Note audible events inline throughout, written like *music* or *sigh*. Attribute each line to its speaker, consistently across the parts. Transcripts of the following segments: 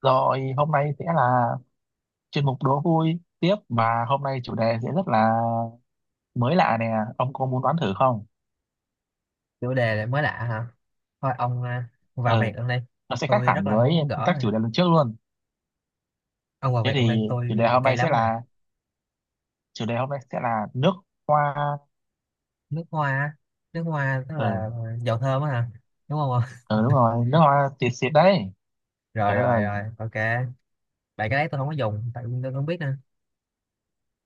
Speaker 1: Rồi hôm nay sẽ là chuyên mục đố vui tiếp mà hôm nay chủ đề sẽ rất là mới lạ nè. Ông có muốn đoán thử không?
Speaker 2: Chủ đề lại mới lạ hả? Thôi ông à, vào
Speaker 1: Ừ,
Speaker 2: việc luôn đây.
Speaker 1: nó sẽ khác
Speaker 2: Tôi
Speaker 1: hẳn
Speaker 2: rất là
Speaker 1: với
Speaker 2: muốn gỡ
Speaker 1: các
Speaker 2: rồi.
Speaker 1: chủ đề lần trước luôn.
Speaker 2: Ông vào
Speaker 1: Thế
Speaker 2: việc luôn
Speaker 1: thì
Speaker 2: đây, tôi cay lắm rồi.
Speaker 1: chủ đề hôm nay sẽ là nước hoa.
Speaker 2: Nước hoa á. Nước hoa tức
Speaker 1: Ừ,
Speaker 2: là dầu thơm á hả, đúng không? *laughs*
Speaker 1: ừ đúng rồi, nước hoa xịt xịt đấy. Trời
Speaker 2: Rồi
Speaker 1: đất
Speaker 2: rồi
Speaker 1: ơi.
Speaker 2: rồi, ok. Tại cái đấy tôi không có dùng, tại vì tôi không biết nữa,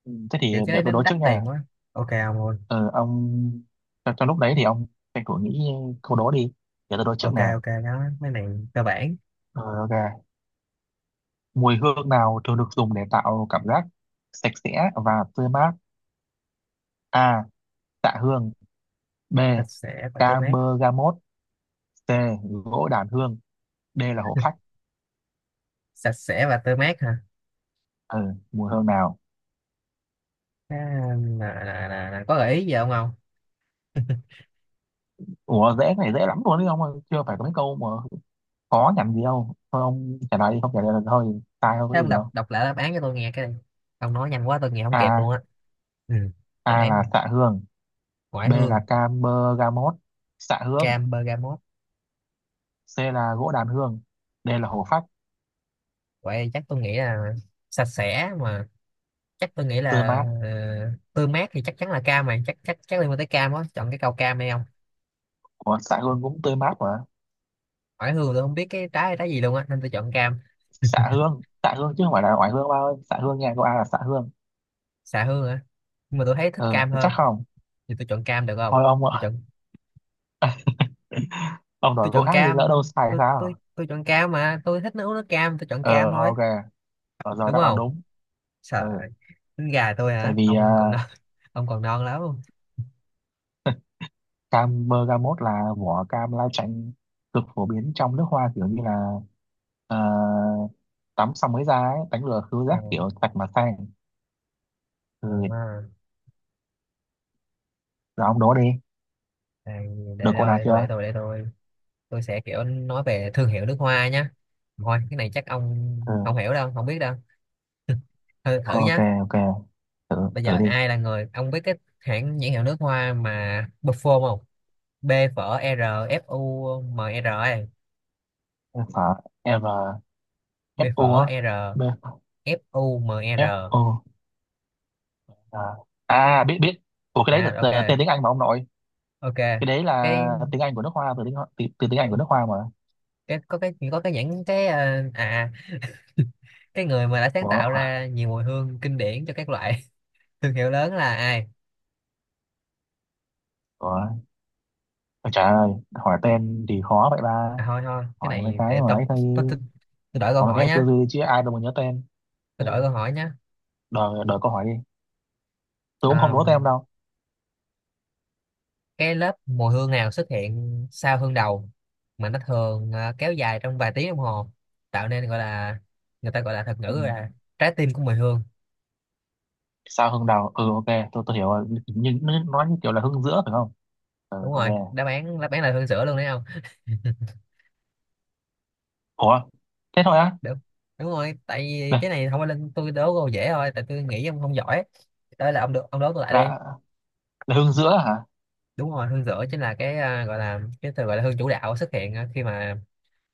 Speaker 1: Thế thì
Speaker 2: kiểu
Speaker 1: để
Speaker 2: cái
Speaker 1: tôi
Speaker 2: đấy nó
Speaker 1: đố trước
Speaker 2: đắt
Speaker 1: nha.
Speaker 2: tiền quá. Ok ông luôn.
Speaker 1: Ừ, ông trong lúc đấy thì ông tranh thủ nghĩ câu đố đi. Để tôi đố trước
Speaker 2: Ok
Speaker 1: nè.
Speaker 2: ok, đó mấy này cơ bản.
Speaker 1: Ừ, ok. Mùi hương nào thường được dùng để tạo cảm giác sạch sẽ và tươi mát? A. Tạ hương. B.
Speaker 2: Sạch sẽ và tươi mát.
Speaker 1: Camergamot. C. Gỗ đàn hương. D là hổ phách.
Speaker 2: Sạch sẽ và tươi mát hả?
Speaker 1: Ừ, mùi hương nào?
Speaker 2: Cái- là nè, có gợi ý gì không ông? *laughs*
Speaker 1: Ủa dễ, cái này dễ lắm luôn đấy ông ơi. Chưa phải có mấy câu mà khó nhằn gì đâu. Thôi ông trả lời đi, không trả lời là thôi, sai không có
Speaker 2: Thế ông
Speaker 1: gì
Speaker 2: đọc
Speaker 1: đâu.
Speaker 2: đọc lại đáp án cho tôi nghe cái đi. Ông nói nhanh quá tôi nghe không kịp luôn
Speaker 1: A.
Speaker 2: á. Ừ, đáp
Speaker 1: A
Speaker 2: án nè.
Speaker 1: là xạ hương.
Speaker 2: Ngoại
Speaker 1: B là
Speaker 2: hương.
Speaker 1: Camergamot. Xạ hương.
Speaker 2: Cam bergamot.
Speaker 1: C là gỗ đàn hương. D là hồ phách.
Speaker 2: Vậy chắc tôi nghĩ là sạch sẽ mà, chắc tôi nghĩ
Speaker 1: Tươi
Speaker 2: là
Speaker 1: mát.
Speaker 2: ờ, tươi mát thì chắc chắn là cam mà, chắc chắc chắc liên quan tới cam á, chọn cái câu cam đây không.
Speaker 1: Ủa xạ hương cũng tươi mát mà.
Speaker 2: Ngoại hương tôi không biết cái trái là trái gì luôn á nên tôi chọn cam.
Speaker 1: Xạ hương, xạ hương chứ không phải là oải hương ba ơi. Xạ hương nha, câu A là xạ hương.
Speaker 2: Xạ hương á, nhưng mà tôi thấy thích
Speaker 1: Ừ
Speaker 2: cam
Speaker 1: chắc
Speaker 2: hơn.
Speaker 1: không?
Speaker 2: Thì tôi chọn cam được không?
Speaker 1: Thôi ông
Speaker 2: Tôi chọn,
Speaker 1: ông
Speaker 2: tôi
Speaker 1: đổi câu
Speaker 2: chọn
Speaker 1: khác thì lỡ đâu
Speaker 2: cam.
Speaker 1: sai
Speaker 2: tôi tôi
Speaker 1: sao.
Speaker 2: tôi chọn cam mà, tôi thích nấu nước cam, tôi chọn
Speaker 1: Ờ
Speaker 2: cam thôi.
Speaker 1: ok, ở giờ
Speaker 2: Đúng
Speaker 1: đáp án
Speaker 2: không?
Speaker 1: đúng. Ừ.
Speaker 2: Sợ. Tính gà tôi
Speaker 1: Tại
Speaker 2: hả,
Speaker 1: vì
Speaker 2: ông còn non. *laughs* Ông còn non lắm.
Speaker 1: cam bergamot là vỏ cam lai chanh, cực phổ biến trong nước hoa, kiểu như là ờ, tắm xong mới ra ấy, đánh lừa khứu
Speaker 2: Ờ,
Speaker 1: giác kiểu sạch mà sang. Ừ.
Speaker 2: ờ, ờ,
Speaker 1: Rồi ông đố đi,
Speaker 2: à,
Speaker 1: được
Speaker 2: để, để
Speaker 1: câu
Speaker 2: đâu
Speaker 1: nào
Speaker 2: để tôi để
Speaker 1: chưa?
Speaker 2: tôi để tôi. Tôi sẽ kiểu nói về thương hiệu nước hoa nhá. Thôi cái này chắc ông không
Speaker 1: Ừ.
Speaker 2: hiểu đâu, không biết đâu. *laughs* Thử
Speaker 1: Ok
Speaker 2: nhá.
Speaker 1: ok, thử
Speaker 2: Bây
Speaker 1: thử
Speaker 2: giờ
Speaker 1: đi.
Speaker 2: ai là người ông biết cái hãng nhãn hiệu nước hoa mà Buffon không? B phở R F U M R ấy.
Speaker 1: F R.
Speaker 2: B
Speaker 1: F U á?
Speaker 2: phở R
Speaker 1: B.
Speaker 2: F U M
Speaker 1: F
Speaker 2: R.
Speaker 1: U. À, à biết biết. Ủa cái đấy là
Speaker 2: À ok,
Speaker 1: tên tiếng Anh mà ông nội.
Speaker 2: ok.
Speaker 1: Cái đấy
Speaker 2: cái
Speaker 1: là tiếng Anh của nước hoa, từ từ tiếng Anh của nước hoa mà.
Speaker 2: cái có cái có cái nhãn cái cái người mà đã sáng tạo
Speaker 1: Ủa,
Speaker 2: ra nhiều mùi hương kinh điển cho các loại *laughs* thương hiệu lớn là ai?
Speaker 1: ủa, ôi trời ơi, hỏi tên thì khó vậy ba.
Speaker 2: À thôi thôi, cái
Speaker 1: Hỏi mấy
Speaker 2: này
Speaker 1: cái
Speaker 2: để
Speaker 1: mà
Speaker 2: tôi,
Speaker 1: ấy thôi,
Speaker 2: tôi tôi, tôi đổi câu
Speaker 1: hỏi mấy
Speaker 2: hỏi
Speaker 1: cái tư
Speaker 2: nhá.
Speaker 1: duy chứ ai đâu mà nhớ tên.
Speaker 2: Tôi
Speaker 1: Ừ,
Speaker 2: đổi câu hỏi nhé.
Speaker 1: đợi câu hỏi đi. Tôi cũng không
Speaker 2: Àm,
Speaker 1: đố tên đâu.
Speaker 2: cái lớp mùi hương nào xuất hiện sau hương đầu mà nó thường kéo dài trong vài tiếng đồng hồ, tạo nên gọi là, người ta gọi là thuật
Speaker 1: Ừ.
Speaker 2: ngữ là trái tim của mùi hương.
Speaker 1: Sao hương đào? Ừ, ok, tôi hiểu rồi. Nhưng nó nói như kiểu là hương giữa phải không? Ừ,
Speaker 2: Đúng
Speaker 1: ok.
Speaker 2: rồi, đáp án là hương sữa luôn đấy không?
Speaker 1: Ủa, thế thôi á?
Speaker 2: Đúng. Đúng rồi, tại vì
Speaker 1: Là,
Speaker 2: cái này không phải lên tôi đố câu dễ thôi, tại tôi nghĩ ông không giỏi. Đây là ông được ông đố tôi lại đi.
Speaker 1: là, là hương giữa hả?
Speaker 2: Đúng rồi, hương sữa chính là cái gọi là cái từ gọi là hương chủ đạo xuất hiện khi mà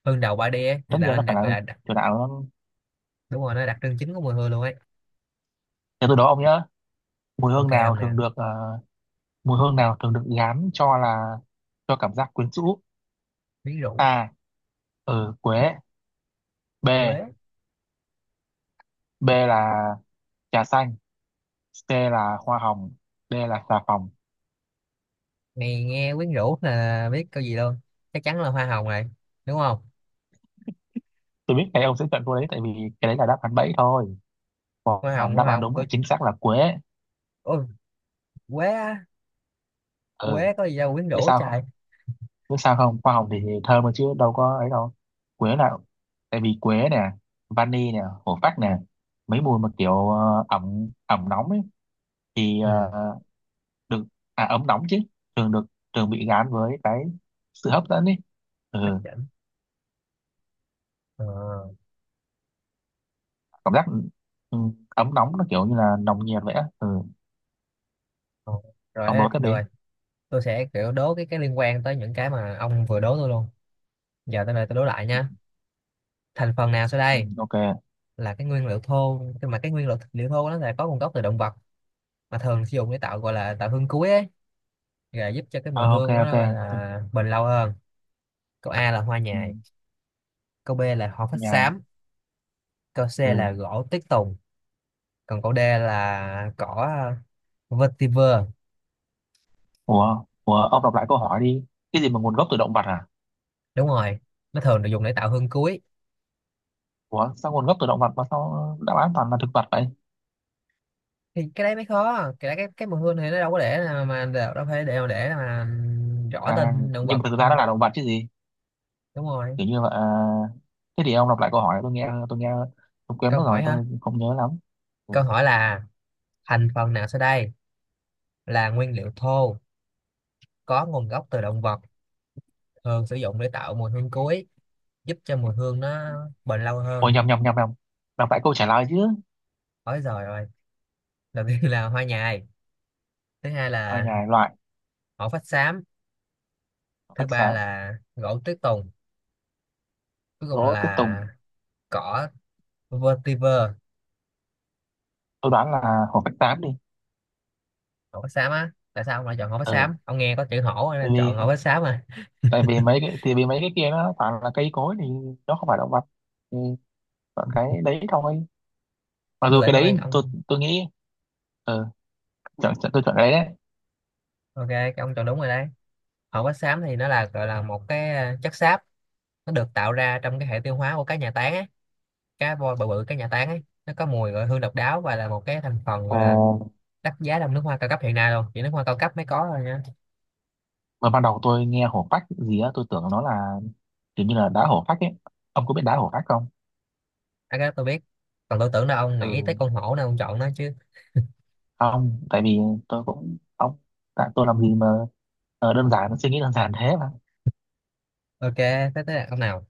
Speaker 2: hương đầu 3 đi ấy, thì
Speaker 1: Tất
Speaker 2: tạo
Speaker 1: nhiên nó
Speaker 2: nên
Speaker 1: phải
Speaker 2: đặc
Speaker 1: là
Speaker 2: gọi
Speaker 1: hương
Speaker 2: là đặc,
Speaker 1: chủ đạo. Nó...
Speaker 2: đúng rồi, nó là đặc trưng chính của mùi hương luôn ấy.
Speaker 1: Để tôi đố ông nhớ. Mùi hương
Speaker 2: Ok
Speaker 1: nào
Speaker 2: ông nè,
Speaker 1: thường được, mùi hương nào thường được gán cho là, cho cảm giác quyến rũ?
Speaker 2: miếng rượu.
Speaker 1: A. Ừ, quế. B.
Speaker 2: Quế.
Speaker 1: B là trà xanh. C là hoa hồng. D là xà phòng.
Speaker 2: Này nghe quyến rũ là biết câu gì luôn, chắc chắn là hoa hồng rồi, đúng không?
Speaker 1: Tôi biết cái ông sẽ chọn cô đấy, tại vì cái đấy là đáp án bẫy thôi. Còn
Speaker 2: hoa hồng
Speaker 1: đáp
Speaker 2: hoa
Speaker 1: án
Speaker 2: hồng
Speaker 1: đúng là
Speaker 2: tôi,
Speaker 1: chính xác là quế.
Speaker 2: ôi quế á,
Speaker 1: Ừ,
Speaker 2: quế có gì đâu quyến
Speaker 1: biết
Speaker 2: rũ
Speaker 1: sao không?
Speaker 2: trời.
Speaker 1: Biết sao không? Hoa hồng thì thơm mà chứ đâu có ấy đâu. Quế là, tại vì quế nè, vani nè, hổ phách nè, mấy mùi mà kiểu ẩm ẩm nóng ấy thì ờ,
Speaker 2: Ừ,
Speaker 1: được à ấm nóng chứ thường được, thường bị gán với cái sự hấp dẫn ấy. Ừ,
Speaker 2: hấp dẫn. ờ,
Speaker 1: cảm giác, ừ, ấm nóng nó kiểu như là nồng nhiệt vậy á. Ừ.
Speaker 2: ờ. Rồi
Speaker 1: Ông
Speaker 2: hết
Speaker 1: nói tiếp
Speaker 2: được
Speaker 1: đi.
Speaker 2: rồi. Tôi sẽ kiểu đố cái liên quan tới những cái mà ông vừa đố tôi luôn. Giờ tới đây tôi đố lại nha. Thành phần nào sau
Speaker 1: Ừ,
Speaker 2: đây
Speaker 1: ok.
Speaker 2: là cái nguyên liệu thô, nhưng mà cái nguyên liệu liệu thô nó là có nguồn gốc từ động vật, mà thường sử dụng để tạo gọi là tạo hương cuối ấy, và giúp cho cái mùi
Speaker 1: À, ok
Speaker 2: hương
Speaker 1: ok.
Speaker 2: nó gọi
Speaker 1: Tôi-
Speaker 2: là bền lâu hơn. Câu A là hoa
Speaker 1: ừ,
Speaker 2: nhài, câu B là hoa phách
Speaker 1: nhai.
Speaker 2: xám, câu C
Speaker 1: Ừ.
Speaker 2: là gỗ tuyết tùng, còn câu D là cỏ vetiver.
Speaker 1: Ủa ủa, ông đọc lại câu hỏi đi, cái gì mà nguồn gốc từ động vật à?
Speaker 2: Đúng rồi, nó thường được dùng để tạo hương cuối.
Speaker 1: Ủa sao nguồn gốc từ động vật mà sao đáp án toàn là thực vật vậy?
Speaker 2: Thì cái đấy mới khó, cái đấy, cái mùi hương này nó đâu có để mà đâu đâu phải để mà rõ
Speaker 1: À
Speaker 2: tên động
Speaker 1: nhưng
Speaker 2: vật.
Speaker 1: mà thực
Speaker 2: Ừ,
Speaker 1: ra nó là động vật chứ gì?
Speaker 2: đúng rồi.
Speaker 1: Kiểu như là à, thế thì ông đọc lại câu hỏi tôi nghe, tôi nghe, tôi quên
Speaker 2: Câu
Speaker 1: mất rồi
Speaker 2: hỏi hả?
Speaker 1: tôi không nhớ lắm. Ừ.
Speaker 2: Câu hỏi là thành phần nào sau đây là nguyên liệu thô, có nguồn gốc từ động vật, thường sử dụng để tạo mùi hương cuối, giúp cho mùi hương nó bền lâu hơn.
Speaker 1: Ôi nhầm nhầm nhầm nhầm, đọc lại câu trả lời chứ.
Speaker 2: Ôi giời ơi, đầu tiên là hoa nhài, thứ hai
Speaker 1: Ở
Speaker 2: là
Speaker 1: nhà loại,
Speaker 2: hổ phách xám,
Speaker 1: hổ
Speaker 2: thứ
Speaker 1: phách
Speaker 2: ba
Speaker 1: xám,
Speaker 2: là gỗ tuyết tùng, cuối cùng
Speaker 1: gỗ tuyết
Speaker 2: là
Speaker 1: tùng.
Speaker 2: cỏ vetiver.
Speaker 1: Tôi đoán là hổ phách xám đi.
Speaker 2: Hổ phách xám á, tại sao ông lại chọn hổ phách xám, ông nghe có chữ hổ nên chọn hổ
Speaker 1: Ừ,
Speaker 2: phách xám à?
Speaker 1: tại vì mấy cái kia nó toàn là cây cối thì nó không phải động vật, thì chọn cái đấy thôi. Mặc
Speaker 2: Tôi
Speaker 1: dù cái
Speaker 2: tưởng
Speaker 1: đấy
Speaker 2: luôn
Speaker 1: tôi
Speaker 2: ông.
Speaker 1: tôi nghĩ, ừ, chọn, chọn, tôi chọn cái đấy đấy.
Speaker 2: Ok, cái ông chọn đúng rồi đấy. Hổ phách xám thì nó là gọi là một cái chất xáp, nó được tạo ra trong cái hệ tiêu hóa của cá nhà tán á, cá voi bự bự cá nhà tán ấy, nó có mùi gọi hương độc đáo và là một cái thành phần
Speaker 1: Ờ,
Speaker 2: gọi là đắt giá trong nước hoa cao cấp hiện nay luôn, chỉ nước hoa cao cấp mới có thôi nha.
Speaker 1: mà ban đầu tôi nghe hổ phách gì á tôi tưởng nó là kiểu như là đá hổ phách ấy. Ông có biết đá hổ phách không?
Speaker 2: À, cái đó tôi biết, còn tôi tưởng là ông nghĩ tới
Speaker 1: Ừ
Speaker 2: con hổ nên ông chọn nó chứ.
Speaker 1: không, tại vì tôi cũng ông, tại tôi làm gì mà đơn giản, suy nghĩ đơn giản thế mà.
Speaker 2: Ok, tới tới là ông nào.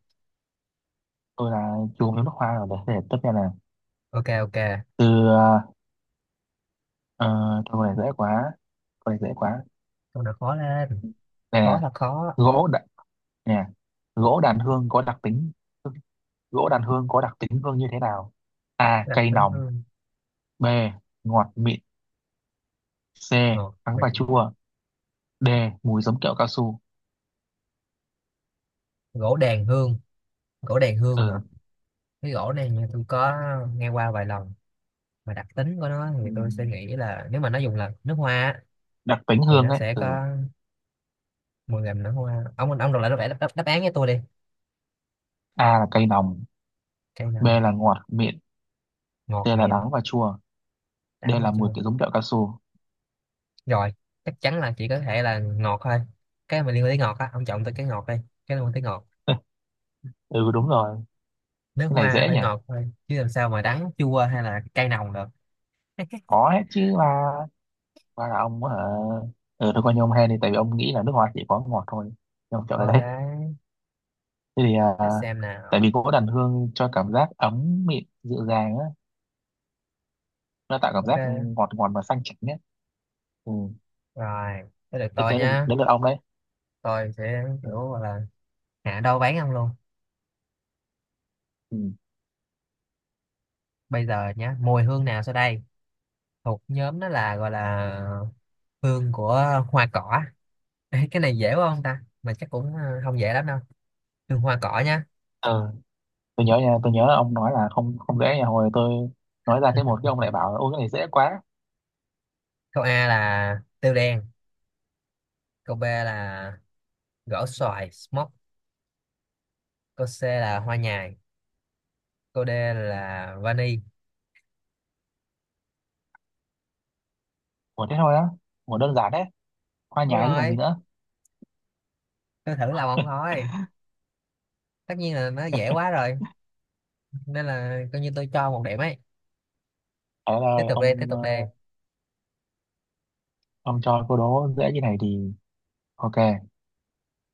Speaker 1: Tôi là chuồng nước hoa rồi, để tất nhiên là
Speaker 2: Ok ok,
Speaker 1: từ, ờ, câu này dễ quá, câu này dễ quá
Speaker 2: câu nào khó lên, khó
Speaker 1: nè.
Speaker 2: là khó.
Speaker 1: gỗ đã, Nè, gỗ đàn hương có đặc tính gỗ đàn hương có đặc tính hương như thế nào? A.
Speaker 2: Đặc
Speaker 1: Cay
Speaker 2: tính
Speaker 1: nồng.
Speaker 2: hương.
Speaker 1: B. Ngọt mịn. C.
Speaker 2: Ờ,
Speaker 1: Đắng
Speaker 2: Vậy.
Speaker 1: và chua. D. Mùi giống kẹo cao su.
Speaker 2: Gỗ đàn hương. Gỗ đàn hương hả?
Speaker 1: Ừ.
Speaker 2: Cái gỗ này như tôi có nghe qua vài lần, mà đặc tính của nó
Speaker 1: Ừ.
Speaker 2: thì tôi sẽ nghĩ là nếu mà nó dùng là nước hoa á,
Speaker 1: Đặc tính
Speaker 2: thì
Speaker 1: hương
Speaker 2: nó
Speaker 1: ấy,
Speaker 2: sẽ
Speaker 1: ừ.
Speaker 2: có mùi làm nước hoa. Ông đọc lại đáp án với tôi đi.
Speaker 1: A là cay nồng.
Speaker 2: Cây
Speaker 1: B
Speaker 2: nào.
Speaker 1: là ngọt mịn. C
Speaker 2: Ngọt
Speaker 1: là
Speaker 2: mịn.
Speaker 1: đắng và chua. D
Speaker 2: Đắng và
Speaker 1: là mùi
Speaker 2: chua.
Speaker 1: kiểu giống kẹo cao su.
Speaker 2: Rồi, chắc chắn là chỉ có thể là ngọt thôi, cái mà liên quan tới ngọt á, ông chọn tới cái ngọt đi, cái liên quan tới ngọt.
Speaker 1: *laughs* Ừ đúng rồi.
Speaker 2: Nước
Speaker 1: Cái này
Speaker 2: hoa nó
Speaker 1: dễ
Speaker 2: phải
Speaker 1: nhỉ,
Speaker 2: ngọt thôi chứ làm sao mà đắng chua hay là cay nồng được.
Speaker 1: có hết chứ mà. Và là ông ở, ừ, tôi coi như ông hen đi tại vì ông nghĩ là nước hoa chỉ có ngọt thôi, nhưng mà kẹo cái đấy.
Speaker 2: Ok,
Speaker 1: Thế thì à,
Speaker 2: để xem nào.
Speaker 1: tại vì gỗ đàn hương cho cảm giác ấm mịn dịu dàng á, nó tạo cảm giác
Speaker 2: Ok,
Speaker 1: ngọt ngọt và xanh chảnh á. Ừ.
Speaker 2: rồi tới được
Speaker 1: Thế
Speaker 2: tôi
Speaker 1: tới là
Speaker 2: nhá.
Speaker 1: đến lượt ông đấy.
Speaker 2: Tôi sẽ
Speaker 1: Ừ.
Speaker 2: kiểu gọi là hạ đâu bán ông luôn.
Speaker 1: Ừ.
Speaker 2: Bây giờ nhá, mùi hương nào sau đây thuộc nhóm đó là gọi là hương của hoa cỏ. Ê, cái này dễ quá không ta, mà chắc cũng không dễ lắm đâu. Hương hoa cỏ nhá.
Speaker 1: Ờ, tôi nhớ nha, tôi nhớ là ông nói là không, không dễ nha, hồi tôi nói ra cái một
Speaker 2: *laughs*
Speaker 1: cái ông lại bảo là ôi cái này dễ quá.
Speaker 2: Câu A là tiêu đen, câu B là gỗ xoài smoke, câu C là hoa nhài, câu D là vani.
Speaker 1: Ủa thế thôi á? Ủa đơn giản đấy, hoa
Speaker 2: Đúng
Speaker 1: nhài chứ còn gì
Speaker 2: rồi,
Speaker 1: nữa.
Speaker 2: tôi thử lòng ông thôi, tất nhiên là nó dễ quá rồi, nên là coi như tôi cho một điểm ấy.
Speaker 1: Thế là
Speaker 2: Tiếp tục đi, tiếp
Speaker 1: ông
Speaker 2: tục đi.
Speaker 1: ông cho câu đố dễ như này thì ok.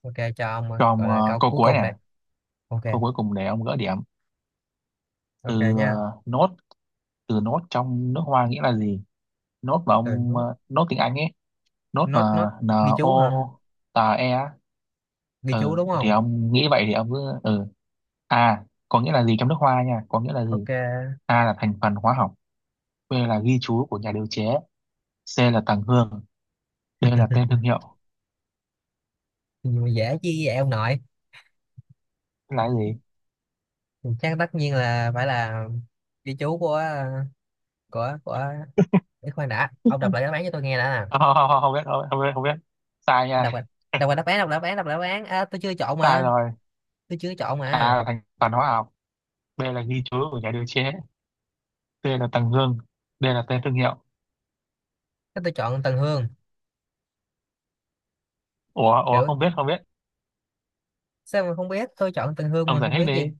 Speaker 2: Ok cho ông ơi,
Speaker 1: Cho
Speaker 2: gọi
Speaker 1: ông
Speaker 2: là câu
Speaker 1: câu
Speaker 2: cuối
Speaker 1: cuối
Speaker 2: cùng
Speaker 1: nè,
Speaker 2: đây. Ok
Speaker 1: câu cuối cùng để ông gỡ điểm.
Speaker 2: ok
Speaker 1: Từ
Speaker 2: nha.
Speaker 1: nốt, từ nốt trong nước hoa nghĩa là gì? Nốt mà
Speaker 2: Từ
Speaker 1: ông,
Speaker 2: nốt
Speaker 1: nốt tiếng Anh ấy. Nốt
Speaker 2: nốt
Speaker 1: mà
Speaker 2: nốt.
Speaker 1: n
Speaker 2: Ghi
Speaker 1: o
Speaker 2: chú hả?
Speaker 1: tà e á.
Speaker 2: Ghi chú
Speaker 1: Ừ
Speaker 2: đúng
Speaker 1: thì
Speaker 2: không?
Speaker 1: ông nghĩ vậy thì ông cứ ừ. A có nghĩa là gì trong nước hoa nha, có nghĩa là gì?
Speaker 2: Ok.
Speaker 1: A là thành phần hóa học. B là ghi chú của nhà điều chế. C là tầng hương. D là tên thương hiệu.
Speaker 2: Thì dễ chứ vậy ông nội.
Speaker 1: Thế là cái gì?
Speaker 2: Chắc tất nhiên là phải là ghi chú của của của Ý, khoan đã, ông đọc lại đáp án cho tôi nghe đã
Speaker 1: *laughs*
Speaker 2: nè.
Speaker 1: Không, không, không, không biết, không, biết không biết không biết. Sai
Speaker 2: Đọc lại.
Speaker 1: nha. *laughs*
Speaker 2: Đọc lại đáp án. À, tôi chưa chọn
Speaker 1: Sai
Speaker 2: mà.
Speaker 1: rồi.
Speaker 2: Tôi chưa chọn
Speaker 1: A
Speaker 2: mà.
Speaker 1: là thành phần hóa học. B là ghi chú của nhà điều chế. C là tầng hương. D là tên thương hiệu.
Speaker 2: Thế tôi chọn Tần Hương.
Speaker 1: Ủa ủa
Speaker 2: Kiểu
Speaker 1: không biết không biết.
Speaker 2: sao mà không biết, tôi chọn Tần Hương
Speaker 1: Ông
Speaker 2: mà
Speaker 1: giải
Speaker 2: không
Speaker 1: thích
Speaker 2: biết
Speaker 1: đi,
Speaker 2: gì.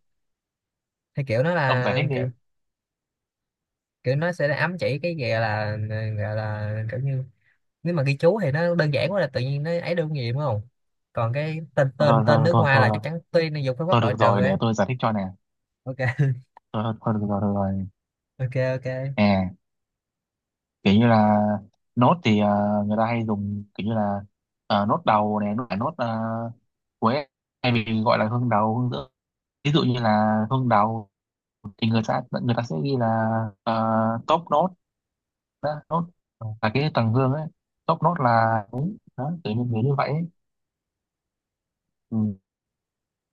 Speaker 2: Thì kiểu nó
Speaker 1: ông giải
Speaker 2: là
Speaker 1: thích đi.
Speaker 2: kiểu, kiểu nó sẽ ám chỉ cái gì gọi là, gọi là kiểu như, nếu mà ghi chú thì nó đơn giản quá là tự nhiên, nó ấy được gì đúng không. Còn cái tên
Speaker 1: Thôi
Speaker 2: tên tên
Speaker 1: thôi
Speaker 2: nước
Speaker 1: thôi
Speaker 2: hoa là
Speaker 1: thôi,
Speaker 2: chắc chắn, tuy nó dùng phương
Speaker 1: thôi
Speaker 2: pháp loại
Speaker 1: được
Speaker 2: trừ
Speaker 1: rồi, để
Speaker 2: ấy.
Speaker 1: tôi giải thích cho nè.
Speaker 2: Ok. *laughs*
Speaker 1: Thôi, thôi, thôi được rồi, được rồi.
Speaker 2: Ok ok.
Speaker 1: À, kiểu như là nốt thì à, người ta hay dùng kiểu như là à, nốt đầu này, nốt à, cuối, hay bị gọi là hương đầu, hương giữa. Ví dụ như là hương đầu thì người ta sẽ ghi là top nốt đó, nốt
Speaker 2: Ồ,
Speaker 1: là cái tầng hương ấy, top nốt là đúng đó, kiểu như vậy ấy. Ừ.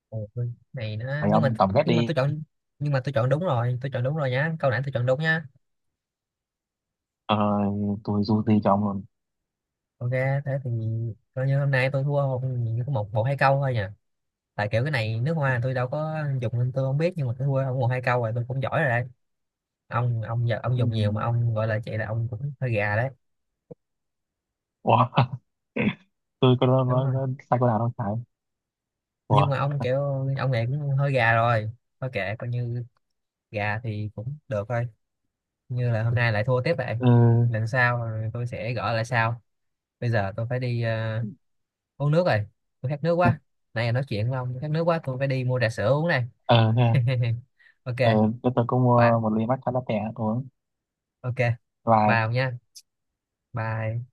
Speaker 2: ồ, cái này nó
Speaker 1: Phải
Speaker 2: nhưng mà,
Speaker 1: ông tổng kết
Speaker 2: nhưng mà
Speaker 1: đi.
Speaker 2: tôi chọn, nhưng mà tôi chọn đúng rồi, tôi chọn đúng rồi nhá, câu nãy tôi chọn đúng nhá.
Speaker 1: Ờ, tôi dù gì chồng ông luôn.
Speaker 2: Ok thế thì coi như hôm nay tôi thua không chỉ có một một hai câu thôi nhỉ? Tại kiểu cái này nước hoa tôi đâu có dùng nên tôi không biết, nhưng mà tôi thua không một hai câu rồi tôi cũng giỏi rồi đấy. Ông giờ ông
Speaker 1: Ừ.
Speaker 2: dùng nhiều mà ông gọi là chị là ông cũng hơi gà đấy.
Speaker 1: Ủa, *laughs* tôi có
Speaker 2: Đúng rồi.
Speaker 1: nói sai câu nào đâu phải.
Speaker 2: Nhưng
Speaker 1: Ủa,
Speaker 2: mà ông kiểu ông này cũng hơi gà rồi, thôi kệ coi như gà thì cũng được thôi, như là hôm nay lại thua tiếp vậy.
Speaker 1: ừ,
Speaker 2: Lần sau rồi tôi sẽ gõ lại sau. Bây giờ tôi phải đi uống nước rồi, tôi khát nước quá, nãy giờ nói chuyện với ông khát nước quá, tôi phải đi mua trà sữa uống này.
Speaker 1: ờ, thế à?
Speaker 2: *laughs* Ok,
Speaker 1: Ờ, cái tôi cũng
Speaker 2: bye.
Speaker 1: mua một ly matcha latte uống
Speaker 2: Ok,
Speaker 1: và
Speaker 2: bye ông nha. Bye.